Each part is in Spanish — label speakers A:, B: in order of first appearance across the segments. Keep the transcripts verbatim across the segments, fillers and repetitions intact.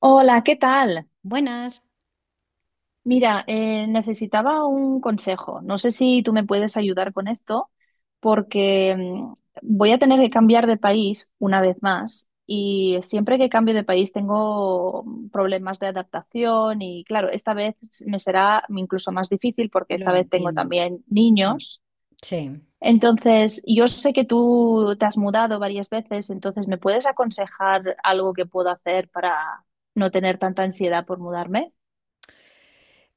A: Hola, ¿qué tal?
B: Buenas.
A: Mira, eh, necesitaba un consejo. No sé si tú me puedes ayudar con esto, porque mm, voy a tener que cambiar de país una vez más y siempre que cambio de país tengo mm, problemas de adaptación y claro, esta vez me será incluso más difícil porque
B: Lo
A: esta vez tengo
B: entiendo.
A: también
B: Mm.
A: niños.
B: Sí.
A: Entonces, yo sé que tú te has mudado varias veces, entonces, ¿me puedes aconsejar algo que puedo hacer para no tener tanta ansiedad por mudarme?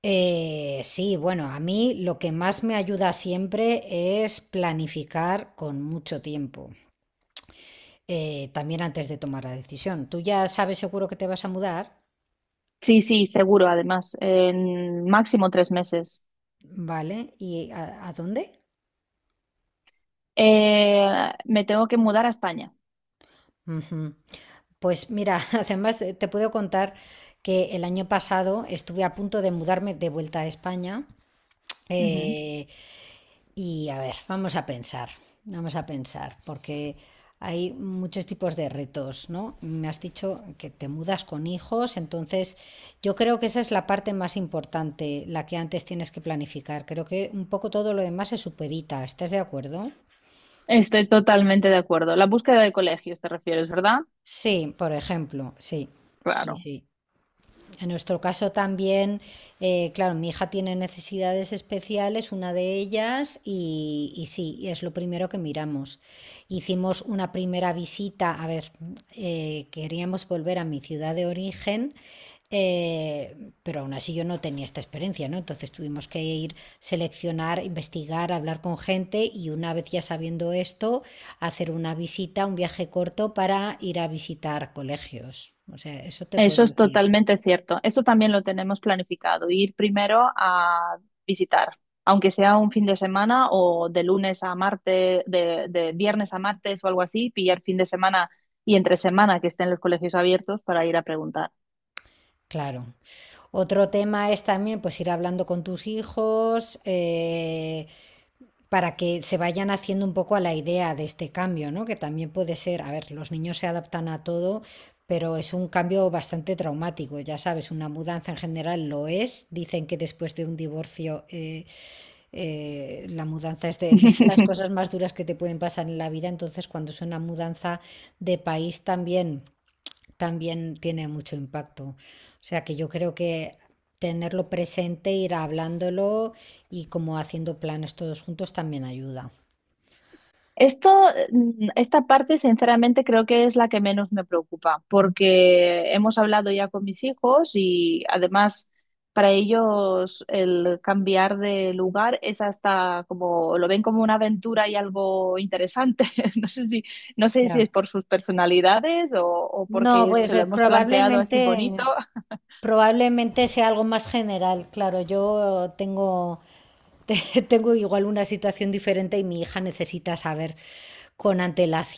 B: Eh, sí, bueno, a mí lo que más me ayuda siempre es planificar con mucho tiempo, eh, también antes de tomar la decisión. Tú ya sabes seguro que te vas a mudar,
A: Sí, sí, seguro, además, en máximo tres meses.
B: ¿vale? ¿Y a, a dónde?
A: Eh, me tengo que mudar a España.
B: Ujú. Pues mira, además eh, te puedo contar que el año pasado estuve a punto de mudarme de vuelta a España.
A: Ujú.
B: eh, Y a ver, vamos a pensar, vamos a pensar, porque hay muchos tipos de retos, ¿no? Me has dicho que te mudas con hijos, entonces yo creo que esa es la parte más importante, la que antes tienes que planificar. Creo que un poco todo lo demás se supedita, ¿estás de acuerdo?
A: Estoy totalmente de acuerdo. La búsqueda de colegios, te refieres, ¿verdad?
B: Sí, por ejemplo, sí, sí,
A: Claro.
B: sí. En nuestro caso también, eh, claro, mi hija tiene necesidades especiales, una de ellas, y, y sí, es lo primero que miramos. Hicimos una primera visita, a ver, eh, queríamos volver a mi ciudad de origen, eh, pero aún así yo no tenía esta experiencia, ¿no? Entonces tuvimos que ir, seleccionar, investigar, hablar con gente y una vez ya sabiendo esto, hacer una visita, un viaje corto para ir a visitar colegios. O sea, eso te
A: Eso
B: puedo
A: es
B: decir.
A: totalmente cierto. Esto también lo tenemos planificado, ir primero a visitar, aunque sea un fin de semana o de lunes a martes, de, de viernes a martes o algo así, pillar fin de semana y entre semana que estén los colegios abiertos para ir a preguntar.
B: Claro. Otro tema es también pues ir hablando con tus hijos eh, para que se vayan haciendo un poco a la idea de este cambio, ¿no? Que también puede ser, a ver, los niños se adaptan a todo, pero es un cambio bastante traumático, ya sabes, una mudanza en general lo es. Dicen que después de un divorcio eh, eh, la mudanza es de, de las cosas más duras que te pueden pasar en la vida, entonces cuando es una mudanza de país también también tiene mucho impacto. O sea que yo creo que tenerlo presente, ir hablándolo y como haciendo planes todos juntos también ayuda.
A: Esto, mm, esta parte, sinceramente, creo que es la que menos me preocupa, porque hemos hablado ya con mis hijos y además para ellos el cambiar de lugar es hasta como, lo ven como una aventura y algo interesante. No sé si, no sé si
B: Ya.
A: es por sus personalidades o, o
B: No,
A: porque
B: pues
A: se lo
B: eh,
A: hemos planteado así bonito.
B: probablemente, probablemente sea algo más general. Claro, yo tengo, te- tengo igual una situación diferente y mi hija necesita saber con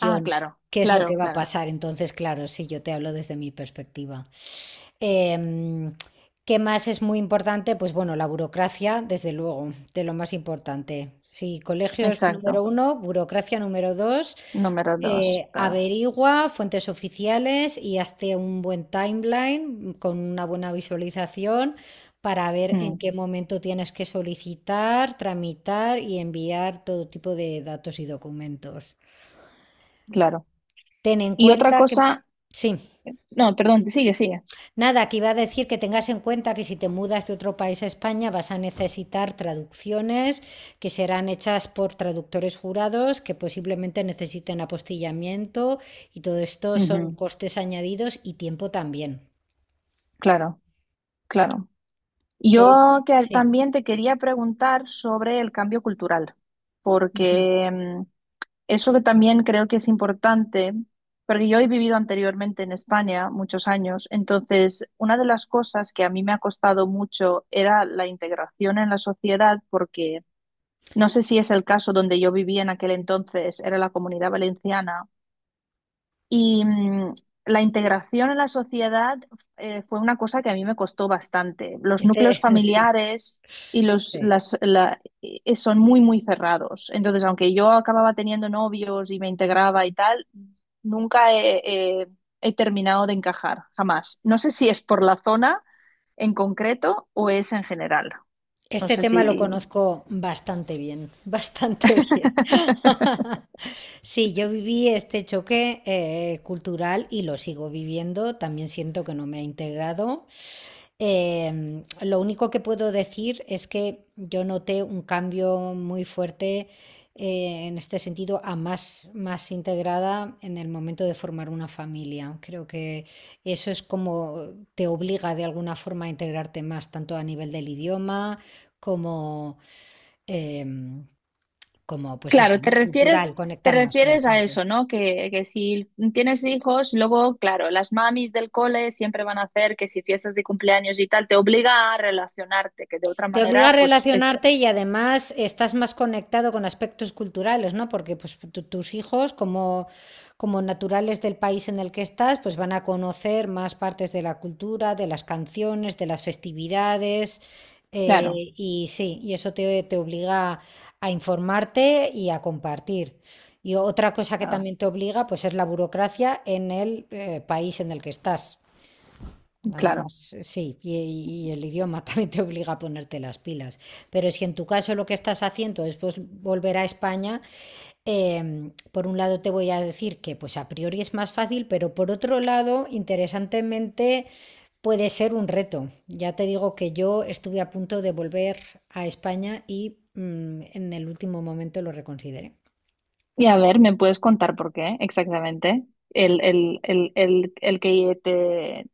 A: Ah, claro,
B: qué es lo que
A: claro,
B: va a
A: claro,
B: pasar. Entonces, claro, sí, yo te hablo desde mi perspectiva. Em, ¿qué más es muy importante? Pues bueno, la burocracia, desde luego, de lo más importante. Sí, colegios número
A: exacto.
B: uno, burocracia número dos,
A: Número dos,
B: eh,
A: claro.
B: averigua fuentes oficiales y hazte un buen timeline con una buena visualización para ver en
A: Mm,
B: qué momento tienes que solicitar, tramitar y enviar todo tipo de datos y documentos.
A: claro.
B: Ten en
A: Y otra
B: cuenta que...
A: cosa,
B: Sí.
A: no, perdón, sigue, sigue.
B: Nada, que iba a decir que tengas en cuenta que si te mudas de otro país a España vas a necesitar traducciones que serán hechas por traductores jurados que posiblemente necesiten apostillamiento y todo esto son
A: Ujú,
B: costes añadidos y tiempo también.
A: claro, claro.
B: Que
A: Yo que
B: sí.
A: también te quería preguntar sobre el cambio cultural,
B: Ujú.
A: porque mm, eso que también creo que es importante, porque yo he vivido anteriormente en España muchos años, entonces una de las cosas que a mí me ha costado mucho era la integración en la sociedad, porque no sé si es el caso donde yo vivía en aquel entonces, era la Comunidad Valenciana. Y mm, la integración en la sociedad eh, fue una cosa que a mí me costó bastante. Los
B: Este,
A: núcleos
B: sí,
A: familiares y los,
B: sí.
A: las, la- eh, eh, son muy, muy cerrados. Entonces, aunque yo acababa teniendo novios y me integraba y tal, nunca he, he- he terminado de encajar, jamás. No sé si es por la zona en concreto o es en general. No
B: Este
A: sé
B: tema lo
A: si...
B: conozco bastante bien, bastante bien. Sí, yo viví este choque eh, cultural y lo sigo viviendo. También siento que no me ha integrado. Em, lo único que puedo decir es que yo noté un cambio muy fuerte eh, en este sentido a más, más integrada en el momento de formar una familia. Creo que eso es como te obliga de alguna forma a integrarte más, tanto a nivel del idioma como, em, como pues eso,
A: Claro, te
B: ¿no? Cultural,
A: refieres, te
B: conectar más con la
A: refieres a
B: gente.
A: eso, ¿no? Que, que si tienes hijos, luego, claro, las mamis del cole siempre van a hacer que si fiestas de cumpleaños y tal, te obliga a relacionarte, que de otra
B: Te obliga a
A: manera, pues, este-
B: relacionarte y además estás más conectado con aspectos culturales, ¿no? Porque pues, tu- tus hijos, como, como, naturales del país en el que estás, pues van a conocer más partes de la cultura, de las canciones, de las festividades. eh,
A: claro,
B: y sí, y eso te, te obliga a informarte y a compartir. Y otra cosa que
A: claro,
B: también te obliga, pues es la burocracia en el eh, país en el que estás.
A: claro.
B: Además, sí, y, y el idioma también te obliga a ponerte las pilas. Pero si en tu caso lo que estás haciendo es pues, volver a España, em, por un lado te voy a decir que pues a priori es más fácil, pero por otro lado, interesantemente, puede ser un reto. Ya te digo que yo estuve a punto de volver a España y mm, en el último momento lo reconsideré.
A: Y a ver, ¿me puedes contar por qué exactamente? El, el, el, el, el que te,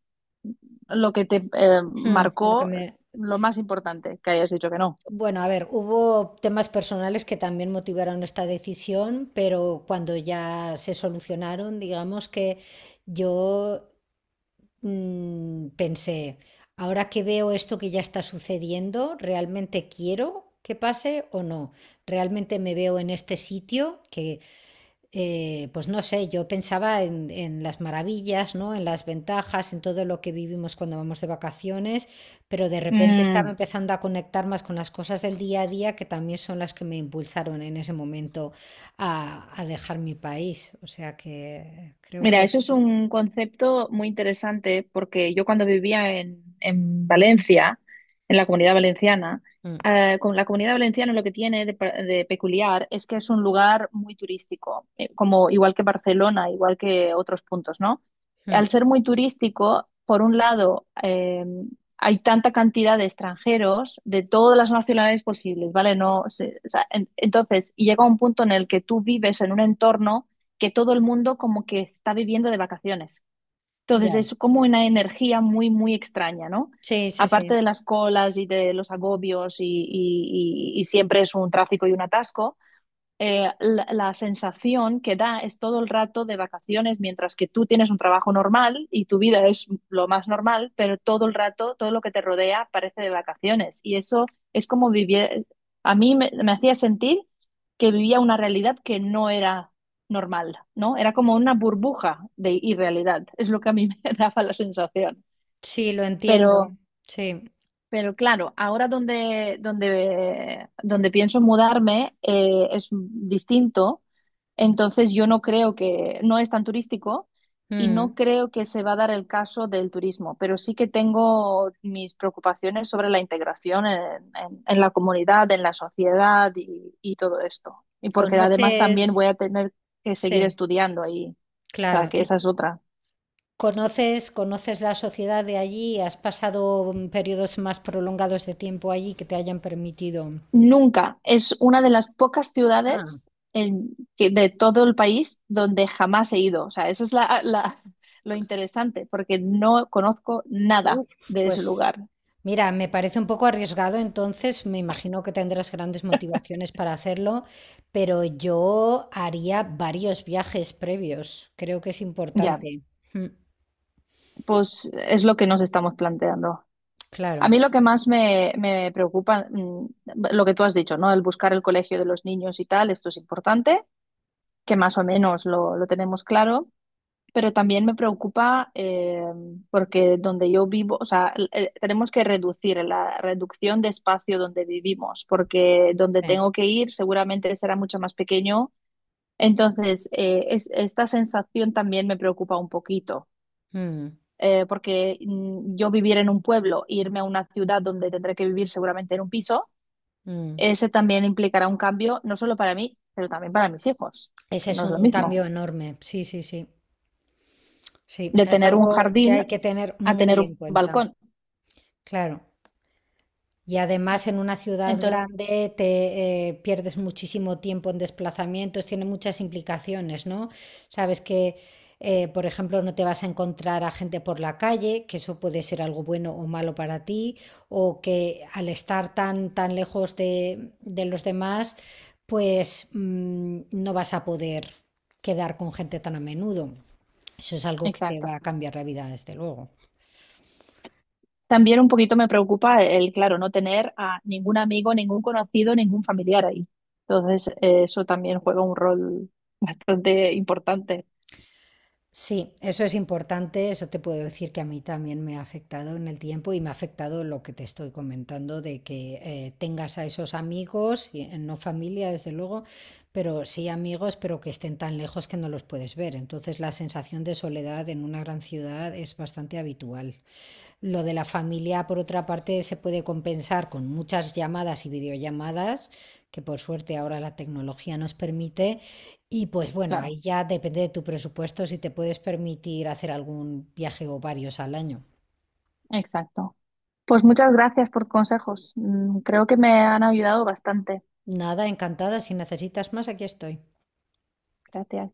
A: lo que te eh,
B: Mm, lo que
A: marcó,
B: me,
A: lo más importante, que hayas dicho que no.
B: Bueno, a ver, hubo temas personales que también motivaron esta decisión, pero cuando ya se solucionaron, digamos que yo mm, pensé, ahora que veo esto que ya está sucediendo, ¿realmente quiero que pase o no? ¿Realmente me veo en este sitio eh, pues no sé, yo pensaba en, en las maravillas, ¿no? En las ventajas, en todo lo que vivimos cuando vamos de vacaciones, pero de repente estaba
A: Mm,
B: empezando a conectar más con las cosas del día a día que también son las que me impulsaron en ese momento a, a dejar mi país. O sea que creo que
A: mira,
B: es...
A: eso es un concepto muy interesante porque yo cuando vivía en, en Valencia, en la Comunidad Valenciana,
B: Mm,
A: eh, con la Comunidad Valenciana lo que tiene de, pe- de peculiar es que es un lugar muy turístico, eh, como igual que Barcelona, igual que otros puntos, ¿no?
B: mm,
A: Al ser muy turístico, por un lado, eh, hay tanta cantidad de extranjeros de todas las nacionalidades posibles, ¿vale? No, se- o sea, en- entonces, y llega un punto en el que tú vives en un entorno que todo el mundo como que está viviendo de vacaciones. Entonces
B: ya,
A: es como una energía muy, muy extraña, ¿no?
B: sí, sí,
A: Aparte
B: sí,
A: de las colas y de los agobios y, y- y- y siempre es un tráfico y un atasco, eh, la, la sensación que da es todo el rato de vacaciones, mientras que tú tienes un trabajo normal y tu vida es lo más normal, pero todo el rato, todo lo que te rodea parece de vacaciones. Y eso es como vivir, a mí me, me hacía sentir que vivía una realidad que no era normal, ¿no? Era como una burbuja de irrealidad, es lo que a mí me daba la sensación.
B: sí, lo
A: Pero
B: entiendo, sí.
A: pero claro, ahora donde, donde, donde pienso mudarme eh, es distinto, entonces yo no creo que, no es tan turístico y no
B: Mm.
A: creo que se va a dar el caso del turismo, pero sí que tengo mis preocupaciones sobre la integración en, en- en la comunidad, en la sociedad y, y todo esto. Y porque además
B: ¿Conoces?
A: también voy a tener que seguir
B: Sí,
A: estudiando ahí, o sea,
B: claro.
A: que esa es otra.
B: ¿Conoces, conoces la sociedad de allí? ¿Has pasado mm, periodos más prolongados de tiempo allí que te hayan permitido?
A: Nunca. Es una de las pocas
B: Ah,
A: ciudades en- que- de todo el país donde jamás he ido. O sea, eso es la, la- lo interesante, porque no conozco nada
B: uf.
A: de ese
B: Pues
A: lugar.
B: mira, me parece un poco arriesgado, entonces me imagino que tendrás grandes motivaciones para hacerlo, pero yo haría varios viajes previos. Creo que es
A: Ya,
B: importante. Mm,
A: pues es lo que nos estamos planteando. A
B: claro,
A: mí lo que más me, me preocupa, mm, lo que tú has dicho, ¿no? El buscar el colegio de los niños y tal, esto es importante, que más o menos lo, lo tenemos claro. Pero también me preocupa eh, porque donde yo vivo, o sea, el- el- tenemos que reducir la reducción de espacio donde vivimos, porque donde
B: sí.
A: tengo que ir seguramente será mucho más pequeño. Entonces, eh, es- esta sensación también me preocupa un poquito,
B: Mm,
A: eh, porque mm, yo vivir en un pueblo, irme a una ciudad donde tendré que vivir seguramente en un piso,
B: mm.
A: ese también implicará un cambio, no solo para mí, pero también para mis hijos,
B: Ese
A: que no
B: es
A: es lo
B: un
A: mismo,
B: cambio enorme. Sí, sí, sí. Sí,
A: de
B: es
A: tener un
B: algo que hay
A: jardín
B: que tener
A: a tener
B: muy
A: un
B: en cuenta.
A: balcón.
B: Claro. Y además en una ciudad
A: Entonces,
B: grande te eh, pierdes muchísimo tiempo en desplazamientos, tiene muchas implicaciones, ¿no? Sabes que, eh, por ejemplo, no te vas a encontrar a gente por la calle, que eso puede ser algo bueno o malo para ti, o que al estar tan, tan lejos de, de los demás, pues mm, no vas a poder quedar con gente tan a menudo. Eso es algo que te va
A: exacto.
B: a cambiar la vida, desde luego.
A: También un poquito me preocupa el, claro, no tener a ningún amigo, ningún conocido, ningún familiar ahí. Entonces, eh, eso también juega un rol bastante importante.
B: Sí, eso es importante, eso te puedo decir que a mí también me ha afectado en el tiempo y me ha afectado lo que te estoy comentando de que eh, tengas a esos amigos, y, eh, no familia desde luego, pero sí amigos, pero que estén tan lejos que no los puedes ver. Entonces la sensación de soledad en una gran ciudad es bastante habitual. Lo de la familia, por otra parte, se puede compensar con muchas llamadas y videollamadas, que por suerte ahora la tecnología nos permite. Y pues bueno,
A: Claro,
B: ahí ya depende de tu presupuesto si te puedes permitir hacer algún viaje o varios al año.
A: exacto. Pues muchas gracias por tus consejos. Mm, creo que me han ayudado bastante.
B: Nada, encantada. Si necesitas más, aquí estoy.
A: Gracias.